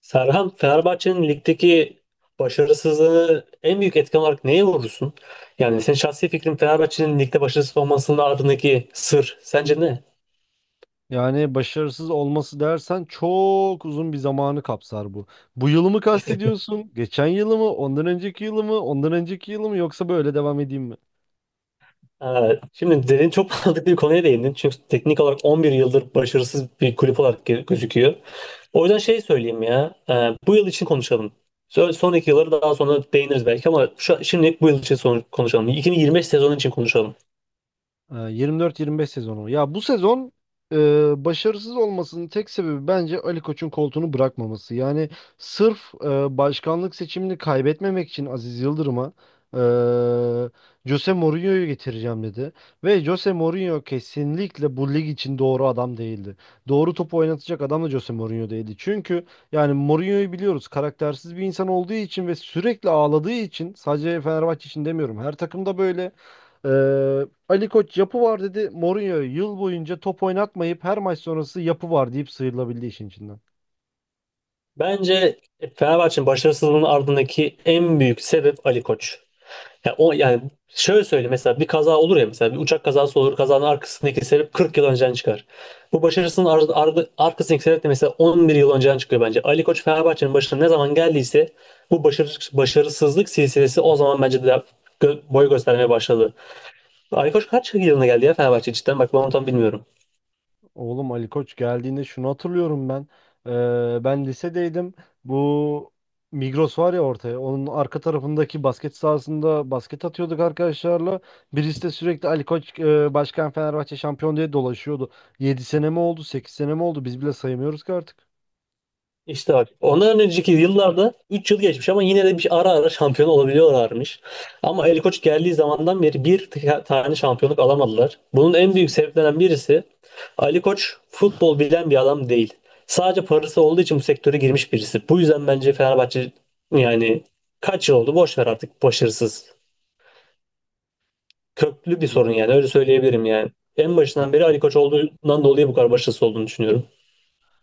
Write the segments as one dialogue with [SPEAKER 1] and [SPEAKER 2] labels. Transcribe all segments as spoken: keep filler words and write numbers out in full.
[SPEAKER 1] Serhan, Fenerbahçe'nin ligdeki başarısızlığını en büyük etken olarak neye vurursun? Yani senin şahsi fikrin Fenerbahçe'nin ligde başarısız olmasının ardındaki sır sence ne?
[SPEAKER 2] Yani başarısız olması dersen çok uzun bir zamanı kapsar bu. Bu yılı mı kastediyorsun? Geçen yılı mı? Ondan önceki yılı mı? Ondan önceki yılı mı? Yoksa böyle devam edeyim mi?
[SPEAKER 1] Evet. Şimdi derin çok mantıklı bir konuya değindin. Çünkü teknik olarak on bir yıldır başarısız bir kulüp olarak ge- gözüküyor. O yüzden şey söyleyeyim ya. E, bu yıl için konuşalım. Sö- Son iki yılları daha sonra değiniriz belki ama şu, şimdilik bu yıl için son- konuşalım. iki bin yirmi beş sezonu için konuşalım.
[SPEAKER 2] Ee, yirmi dört yirmi beş sezonu. Ya bu sezon e, başarısız olmasının tek sebebi bence Ali Koç'un koltuğunu bırakmaması. Yani sırf e, başkanlık seçimini kaybetmemek için Aziz Yıldırım'a e, Jose Mourinho'yu getireceğim dedi. Ve Jose Mourinho kesinlikle bu lig için doğru adam değildi. Doğru topu oynatacak adam da Jose Mourinho değildi. Çünkü yani Mourinho'yu biliyoruz karaktersiz bir insan olduğu için ve sürekli ağladığı için sadece Fenerbahçe için demiyorum. Her takımda böyle. Ee, Ali Koç yapı var dedi. Mourinho yıl boyunca top oynatmayıp her maç sonrası yapı var deyip sıyrılabildi işin içinden.
[SPEAKER 1] Bence Fenerbahçe'nin başarısızlığının ardındaki en büyük sebep Ali Koç. Ya o yani şöyle söyleyeyim, mesela bir kaza olur ya, mesela bir uçak kazası olur, kazanın arkasındaki sebep kırk yıl önceden çıkar. Bu başarısının ar ar arkasındaki sebep de mesela on bir yıl önceden çıkıyor bence. Ali Koç Fenerbahçe'nin başına ne zaman geldiyse bu başarı başarısızlık silsilesi o zaman bence de gö- boy göstermeye başladı. Ali Koç kaç yılına geldi ya Fenerbahçe, cidden bak ben onu tam bilmiyorum.
[SPEAKER 2] Oğlum Ali Koç geldiğinde şunu hatırlıyorum ben. Ee, ben lisedeydim. Bu Migros var ya ortaya. Onun arka tarafındaki basket sahasında basket atıyorduk arkadaşlarla. Birisi de sürekli Ali Koç e, başkan Fenerbahçe şampiyon diye dolaşıyordu. Yedi sene mi oldu, sekiz sene mi oldu? Biz bile sayamıyoruz ki artık.
[SPEAKER 1] İşte bak ondan önceki yıllarda üç yıl geçmiş ama yine de bir ara ara şampiyon olabiliyorlarmış. Ama Ali Koç geldiği zamandan beri bir t- tane şampiyonluk alamadılar. Bunun en büyük sebeplerinden birisi, Ali Koç futbol bilen bir adam değil. Sadece parası olduğu için bu sektöre girmiş birisi. Bu yüzden bence Fenerbahçe, yani kaç yıl oldu boş ver, artık başarısız. Köklü bir
[SPEAKER 2] Ya.
[SPEAKER 1] sorun yani, öyle söyleyebilirim yani. En başından beri Ali Koç olduğundan dolayı bu kadar başarısız olduğunu düşünüyorum.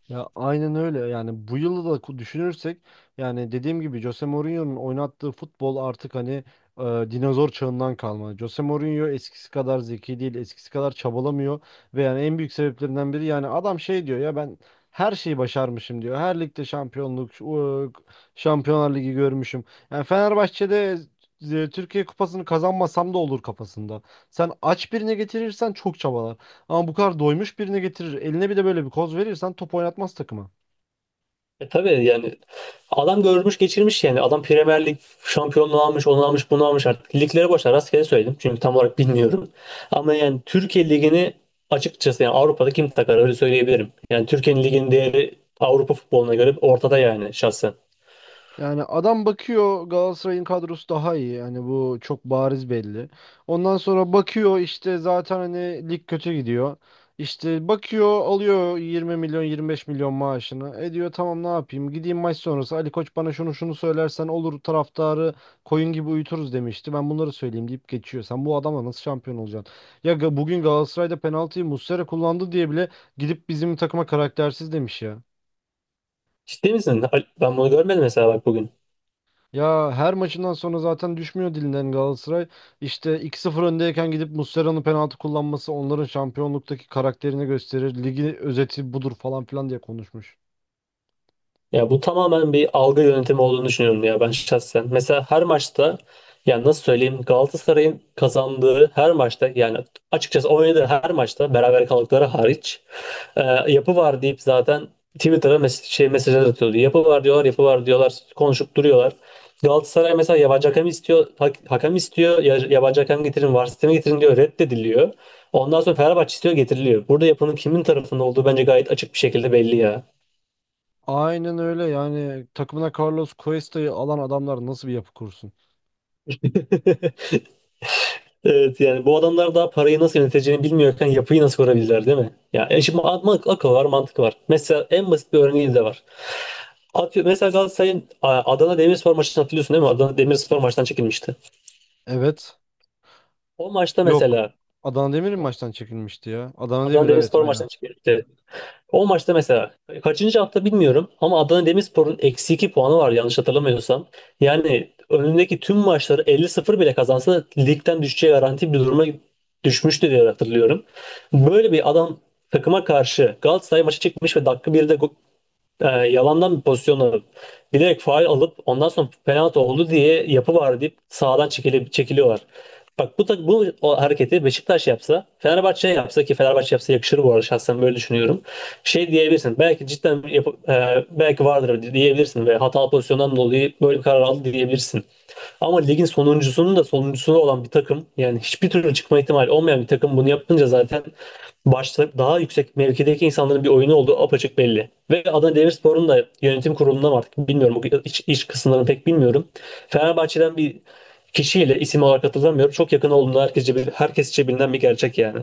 [SPEAKER 2] Ya aynen öyle yani bu yılı da ku- düşünürsek yani dediğim gibi Jose Mourinho'nun oynattığı futbol artık hani e, dinozor çağından kalma. Jose Mourinho eskisi kadar zeki değil, eskisi kadar çabalamıyor ve yani en büyük sebeplerinden biri yani adam şey diyor ya ben her şeyi başarmışım diyor. Her ligde şampiyonluk, şu- Şampiyonlar Ligi görmüşüm. Yani Fenerbahçe'de e, Türkiye Kupası'nı kazanmasam da olur kafasında. Sen aç birine getirirsen çok çabalar. Ama bu kadar doymuş birini getirir. Eline bir de böyle bir koz verirsen top oynatmaz takıma.
[SPEAKER 1] E tabii yani, adam görmüş geçirmiş yani. Adam Premier Lig şampiyonluğu almış, onu almış, bunu almış artık. Liglere boşver rastgele söyledim çünkü tam olarak bilmiyorum. Ama yani Türkiye Ligi'ni, açıkçası yani Avrupa'da kim takar, öyle söyleyebilirim. Yani Türkiye'nin liginin değeri Avrupa futboluna göre ortada yani, şahsen.
[SPEAKER 2] Yani adam bakıyor Galatasaray'ın kadrosu daha iyi. Yani bu çok bariz belli. Ondan sonra bakıyor işte zaten hani lig kötü gidiyor. İşte bakıyor alıyor yirmi milyon yirmi beş milyon maaşını. E diyor tamam ne yapayım gideyim maç sonrası Ali Koç bana şunu şunu söylersen olur taraftarı koyun gibi uyuturuz demişti. Ben bunları söyleyeyim deyip geçiyor. Sen bu adamla nasıl şampiyon olacaksın? Ya ga- bugün Galatasaray'da penaltıyı Muslera kullandı diye bile gidip bizim takıma karaktersiz demiş ya.
[SPEAKER 1] Ciddi misin? Al- Ben bunu görmedim mesela, bak bugün.
[SPEAKER 2] Ya her maçından sonra zaten düşmüyor dilinden Galatasaray. İşte iki sıfır öndeyken gidip Muslera'nın penaltı kullanması onların şampiyonluktaki karakterini gösterir. Ligi özeti budur falan filan diye konuşmuş.
[SPEAKER 1] Ya bu tamamen bir algı yönetimi olduğunu düşünüyorum ya, ben şahsen. Mesela her maçta, yani nasıl söyleyeyim, Galatasaray'ın kazandığı her maçta, yani açıkçası oynadığı her maçta, beraber kaldıkları hariç, e, yapı var deyip zaten Twitter'a mes şey mesajlar atıyordu. Yapı var diyorlar, yapı var diyorlar, konuşup duruyorlar. Galatasaray mesela yabancı hakem istiyor, ha- hakem istiyor, ya- yabancı hakem getirin, VAR sistemi getirin diyor, reddediliyor. Ondan sonra Fenerbahçe istiyor, getiriliyor. Burada yapının kimin tarafında olduğu bence gayet açık bir şekilde belli ya.
[SPEAKER 2] Aynen öyle yani takımına Carlos Cuesta'yı alan adamlar nasıl bir yapı kursun?
[SPEAKER 1] Evet yani, bu adamlar daha parayı nasıl yöneteceğini bilmiyorken yapıyı nasıl kurabilirler değil mi? Ya yani şimdi ma- ma- akıl var, mantık var. Mesela en basit bir örneği de var. Atıyor, mesela Galatasaray'ın a- Adana Demirspor maçını hatırlıyorsun değil mi? Adana Demirspor maçtan çekilmişti.
[SPEAKER 2] Evet.
[SPEAKER 1] O maçta
[SPEAKER 2] Yok.
[SPEAKER 1] mesela,
[SPEAKER 2] Adana Demir'in maçtan çekilmişti ya. Adana
[SPEAKER 1] Adana
[SPEAKER 2] Demir, evet,
[SPEAKER 1] Demirspor
[SPEAKER 2] aynen.
[SPEAKER 1] maçtan çekilmişti. O maçta mesela kaçıncı hafta bilmiyorum ama Adana Demirspor'un eksi iki puanı var yanlış hatırlamıyorsam. Yani önündeki tüm maçları elli sıfır bile kazansa ligden düşeceği garanti bir duruma düşmüştü diye hatırlıyorum. Böyle bir adam takıma karşı Galatasaray maçı çıkmış ve dakika birde e, yalandan bir pozisyon alıp bilerek faul alıp ondan sonra penaltı oldu diye yapı var deyip sağdan çekilip çekiliyorlar. Bak bu tak- bu o hareketi Beşiktaş yapsa, Fenerbahçe yapsa, ki Fenerbahçe yapsa yakışır bu arada, şahsen böyle düşünüyorum. Şey diyebilirsin. Belki cidden yap- e, belki vardır diyebilirsin ve hatalı pozisyondan dolayı böyle bir karar aldı diyebilirsin. Ama ligin sonuncusunun da sonuncusu olan bir takım, yani hiçbir türlü çıkma ihtimali olmayan bir takım bunu yapınca zaten başta daha yüksek mevkideki insanların bir oyunu olduğu apaçık belli. Ve Adana Demirspor'un da yönetim kurulundan artık bilmiyorum, bu iç, iç kısımlarını pek bilmiyorum. Fenerbahçe'den bir kişiyle isim olarak hatırlamıyorum. Çok yakın olduğunu herkesçe, herkesçe bilinen bir gerçek yani.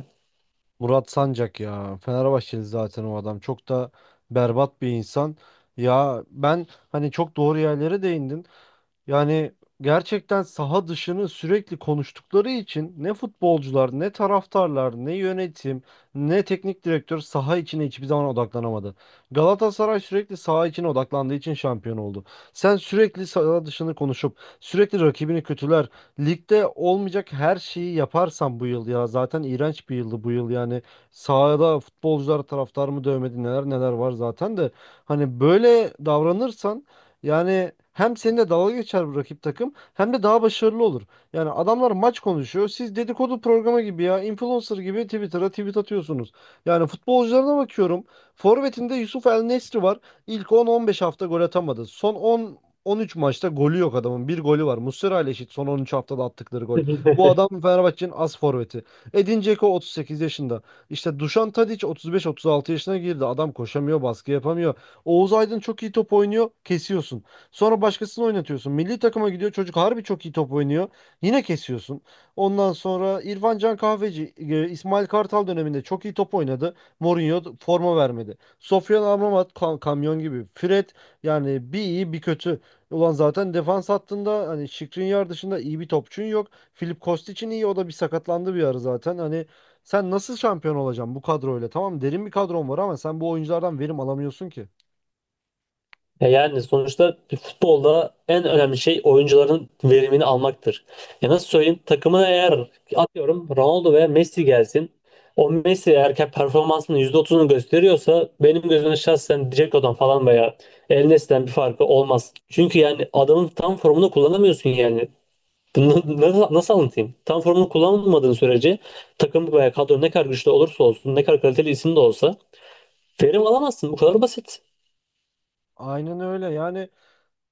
[SPEAKER 2] Murat Sancak ya. Fenerbahçeli zaten o adam. Çok da berbat bir insan. Ya ben hani çok doğru yerlere değindin. Yani gerçekten saha dışını sürekli konuştukları için ne futbolcular, ne taraftarlar, ne yönetim, ne teknik direktör saha içine hiçbir zaman odaklanamadı. Galatasaray sürekli saha içine odaklandığı için şampiyon oldu. Sen sürekli saha dışını konuşup sürekli rakibini kötüler, ligde olmayacak her şeyi yaparsan bu yıl ya zaten iğrenç bir yıldı bu yıl yani sahada futbolcular taraftar mı dövmedi neler neler var zaten de hani böyle davranırsan yani hem seninle dalga geçer bu rakip takım hem de daha başarılı olur. Yani adamlar maç konuşuyor. Siz dedikodu programı gibi ya influencer gibi Twitter'a tweet atıyorsunuz. Yani futbolcularına bakıyorum. Forvet'inde Yusuf El Nesri var. İlk on on beş hafta gol atamadı. Son on on üç maçta golü yok adamın. Bir golü var. Muslera ile eşit son on üç haftada attıkları gol. Bu adam Fenerbahçe'nin as forveti. Edin Dzeko otuz sekiz yaşında. İşte Dušan Tadić otuz beş otuz altı yaşına girdi. Adam koşamıyor, baskı yapamıyor. Oğuz Aydın çok iyi top oynuyor, kesiyorsun. Sonra başkasını oynatıyorsun. Milli takıma gidiyor çocuk harbi çok iyi top oynuyor. Yine kesiyorsun. Ondan sonra İrfan Can Kahveci, e, İsmail Kartal döneminde çok iyi top oynadı. Mourinho forma vermedi. Sofyan Amrabat ka- kamyon gibi. Fred yani bir iyi bir kötü. Ulan zaten defans hattında hani Skriniar dışında iyi bir topçun yok. Filip Kostic'in iyi o da bir sakatlandı bir ara zaten. Hani sen nasıl şampiyon olacaksın bu kadroyla? Tamam derin bir kadron var ama sen bu oyunculardan verim alamıyorsun ki.
[SPEAKER 1] E yani sonuçta bir futbolda en önemli şey oyuncuların verimini almaktır. Ya nasıl söyleyeyim, takımına eğer atıyorum Ronaldo veya Messi gelsin. O Messi eğer ki performansının yüzde otuzunu gösteriyorsa benim gözümde şahsen Dzeko'dan falan veya El Nesli'den bir farkı olmaz. Çünkü yani adamın tam formunu kullanamıyorsun yani. Bunu nasıl, nasıl anlatayım? Tam formunu kullanmadığın sürece takım veya kadro ne kadar güçlü olursa olsun, ne kadar kaliteli isim de olsa verim alamazsın. Bu kadar basit.
[SPEAKER 2] Aynen öyle yani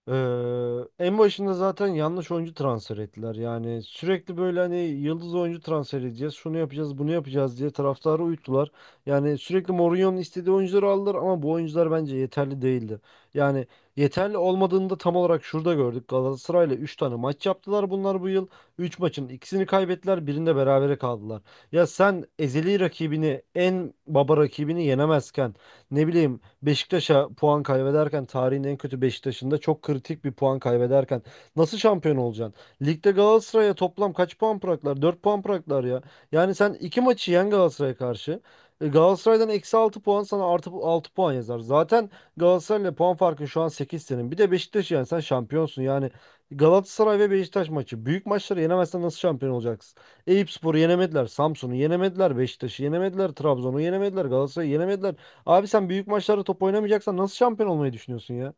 [SPEAKER 2] eee, en başında zaten yanlış oyuncu transfer ettiler yani sürekli böyle hani yıldız oyuncu transfer edeceğiz şunu yapacağız bunu yapacağız diye taraftarı uyuttular. Yani sürekli Mourinho'nun istediği oyuncuları aldılar ama bu oyuncular bence yeterli değildi. Yani yeterli olmadığını da tam olarak şurada gördük Galatasaray'la üç tane maç yaptılar bunlar bu yıl. Üç maçın ikisini kaybettiler birinde berabere kaldılar. Ya sen ezeli rakibini en baba rakibini yenemezken ne bileyim Beşiktaş'a puan kaybederken tarihin en kötü Beşiktaş'ında çok kritik bir puan kaybederken nasıl şampiyon olacaksın? Ligde Galatasaray'a toplam kaç puan bıraktılar? Dört puan bıraktılar ya. Yani sen iki maçı yen Galatasaray'a karşı. E, Galatasaray'dan eksi altı puan sana artı altı puan yazar. Zaten Galatasaray'la puan farkın şu an sekiz senin. Bir de Beşiktaş'ı yani sen şampiyonsun. Yani Galatasaray ve Beşiktaş maçı. Büyük maçları yenemezsen nasıl şampiyon olacaksın? Eyüpspor'u yenemediler. Samsun'u yenemediler. Beşiktaş'ı yenemediler. Trabzon'u yenemediler. Galatasaray'ı yenemediler. Abi sen büyük maçlarda top oynamayacaksan nasıl şampiyon olmayı düşünüyorsun ya?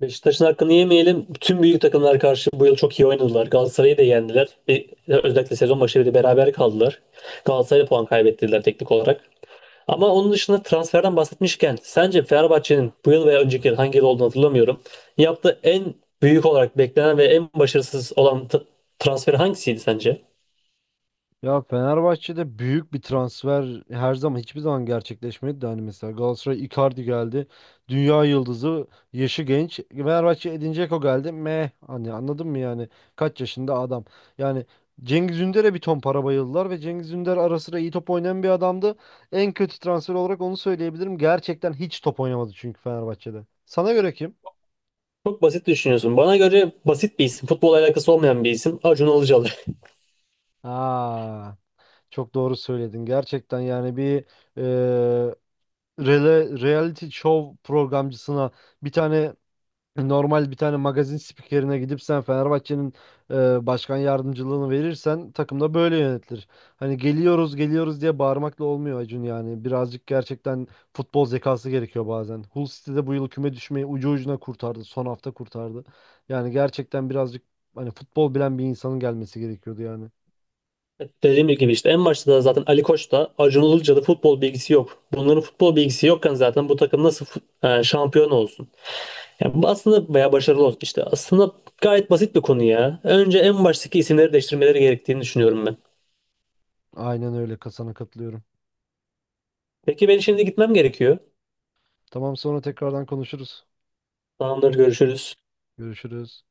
[SPEAKER 1] Beşiktaş'ın hakkını yemeyelim. Tüm büyük takımlar karşı bu yıl çok iyi oynadılar. Galatasaray'ı da yendiler. Bir, özellikle sezon başı bir de beraber kaldılar. Galatasaray'a puan kaybettirdiler teknik olarak. Ama onun dışında transferden bahsetmişken, sence Fenerbahçe'nin bu yıl veya önceki yıl, hangi yıl olduğunu hatırlamıyorum, yaptığı en büyük olarak beklenen ve en başarısız olan t- transfer hangisiydi sence?
[SPEAKER 2] Ya Fenerbahçe'de büyük bir transfer her zaman hiçbir zaman gerçekleşmedi de hani mesela Galatasaray Icardi geldi. Dünya yıldızı, yaşı genç. Fenerbahçe Edin Dzeko geldi. Meh hani anladın mı yani? Kaç yaşında adam. Yani Cengiz Ünder'e bir ton para bayıldılar ve Cengiz Ünder ara sıra iyi top oynayan bir adamdı. En kötü transfer olarak onu söyleyebilirim. Gerçekten hiç top oynamadı çünkü Fenerbahçe'de. Sana göre kim?
[SPEAKER 1] Çok basit düşünüyorsun. Bana göre basit bir isim. Futbol alakası olmayan bir isim. Acun Ilıcalı.
[SPEAKER 2] Aa. Çok doğru söyledin. Gerçekten yani bir e, rele- reality show programcısına bir tane normal bir tane magazin spikerine gidip sen Fenerbahçe'nin e, başkan yardımcılığını verirsen takım da böyle yönetilir. Hani geliyoruz geliyoruz diye bağırmakla olmuyor Acun yani. Birazcık gerçekten futbol zekası gerekiyor bazen. Hull City'de bu yıl küme düşmeyi ucu ucuna kurtardı. Son hafta kurtardı. Yani gerçekten birazcık hani futbol bilen bir insanın gelmesi gerekiyordu yani.
[SPEAKER 1] Dediğim gibi işte en başta da zaten Ali Koç'ta Acun Ilıcalı futbol bilgisi yok. Bunların futbol bilgisi yokken zaten bu takım nasıl fut- e, şampiyon olsun? Yani bu aslında, veya başarılı olsun işte. Aslında gayet basit bir konu ya. Önce en baştaki isimleri değiştirmeleri gerektiğini düşünüyorum ben.
[SPEAKER 2] Aynen öyle. Kasana katılıyorum.
[SPEAKER 1] Peki, ben şimdi gitmem gerekiyor.
[SPEAKER 2] Tamam sonra tekrardan konuşuruz.
[SPEAKER 1] Tamamdır, görüşürüz.
[SPEAKER 2] Görüşürüz.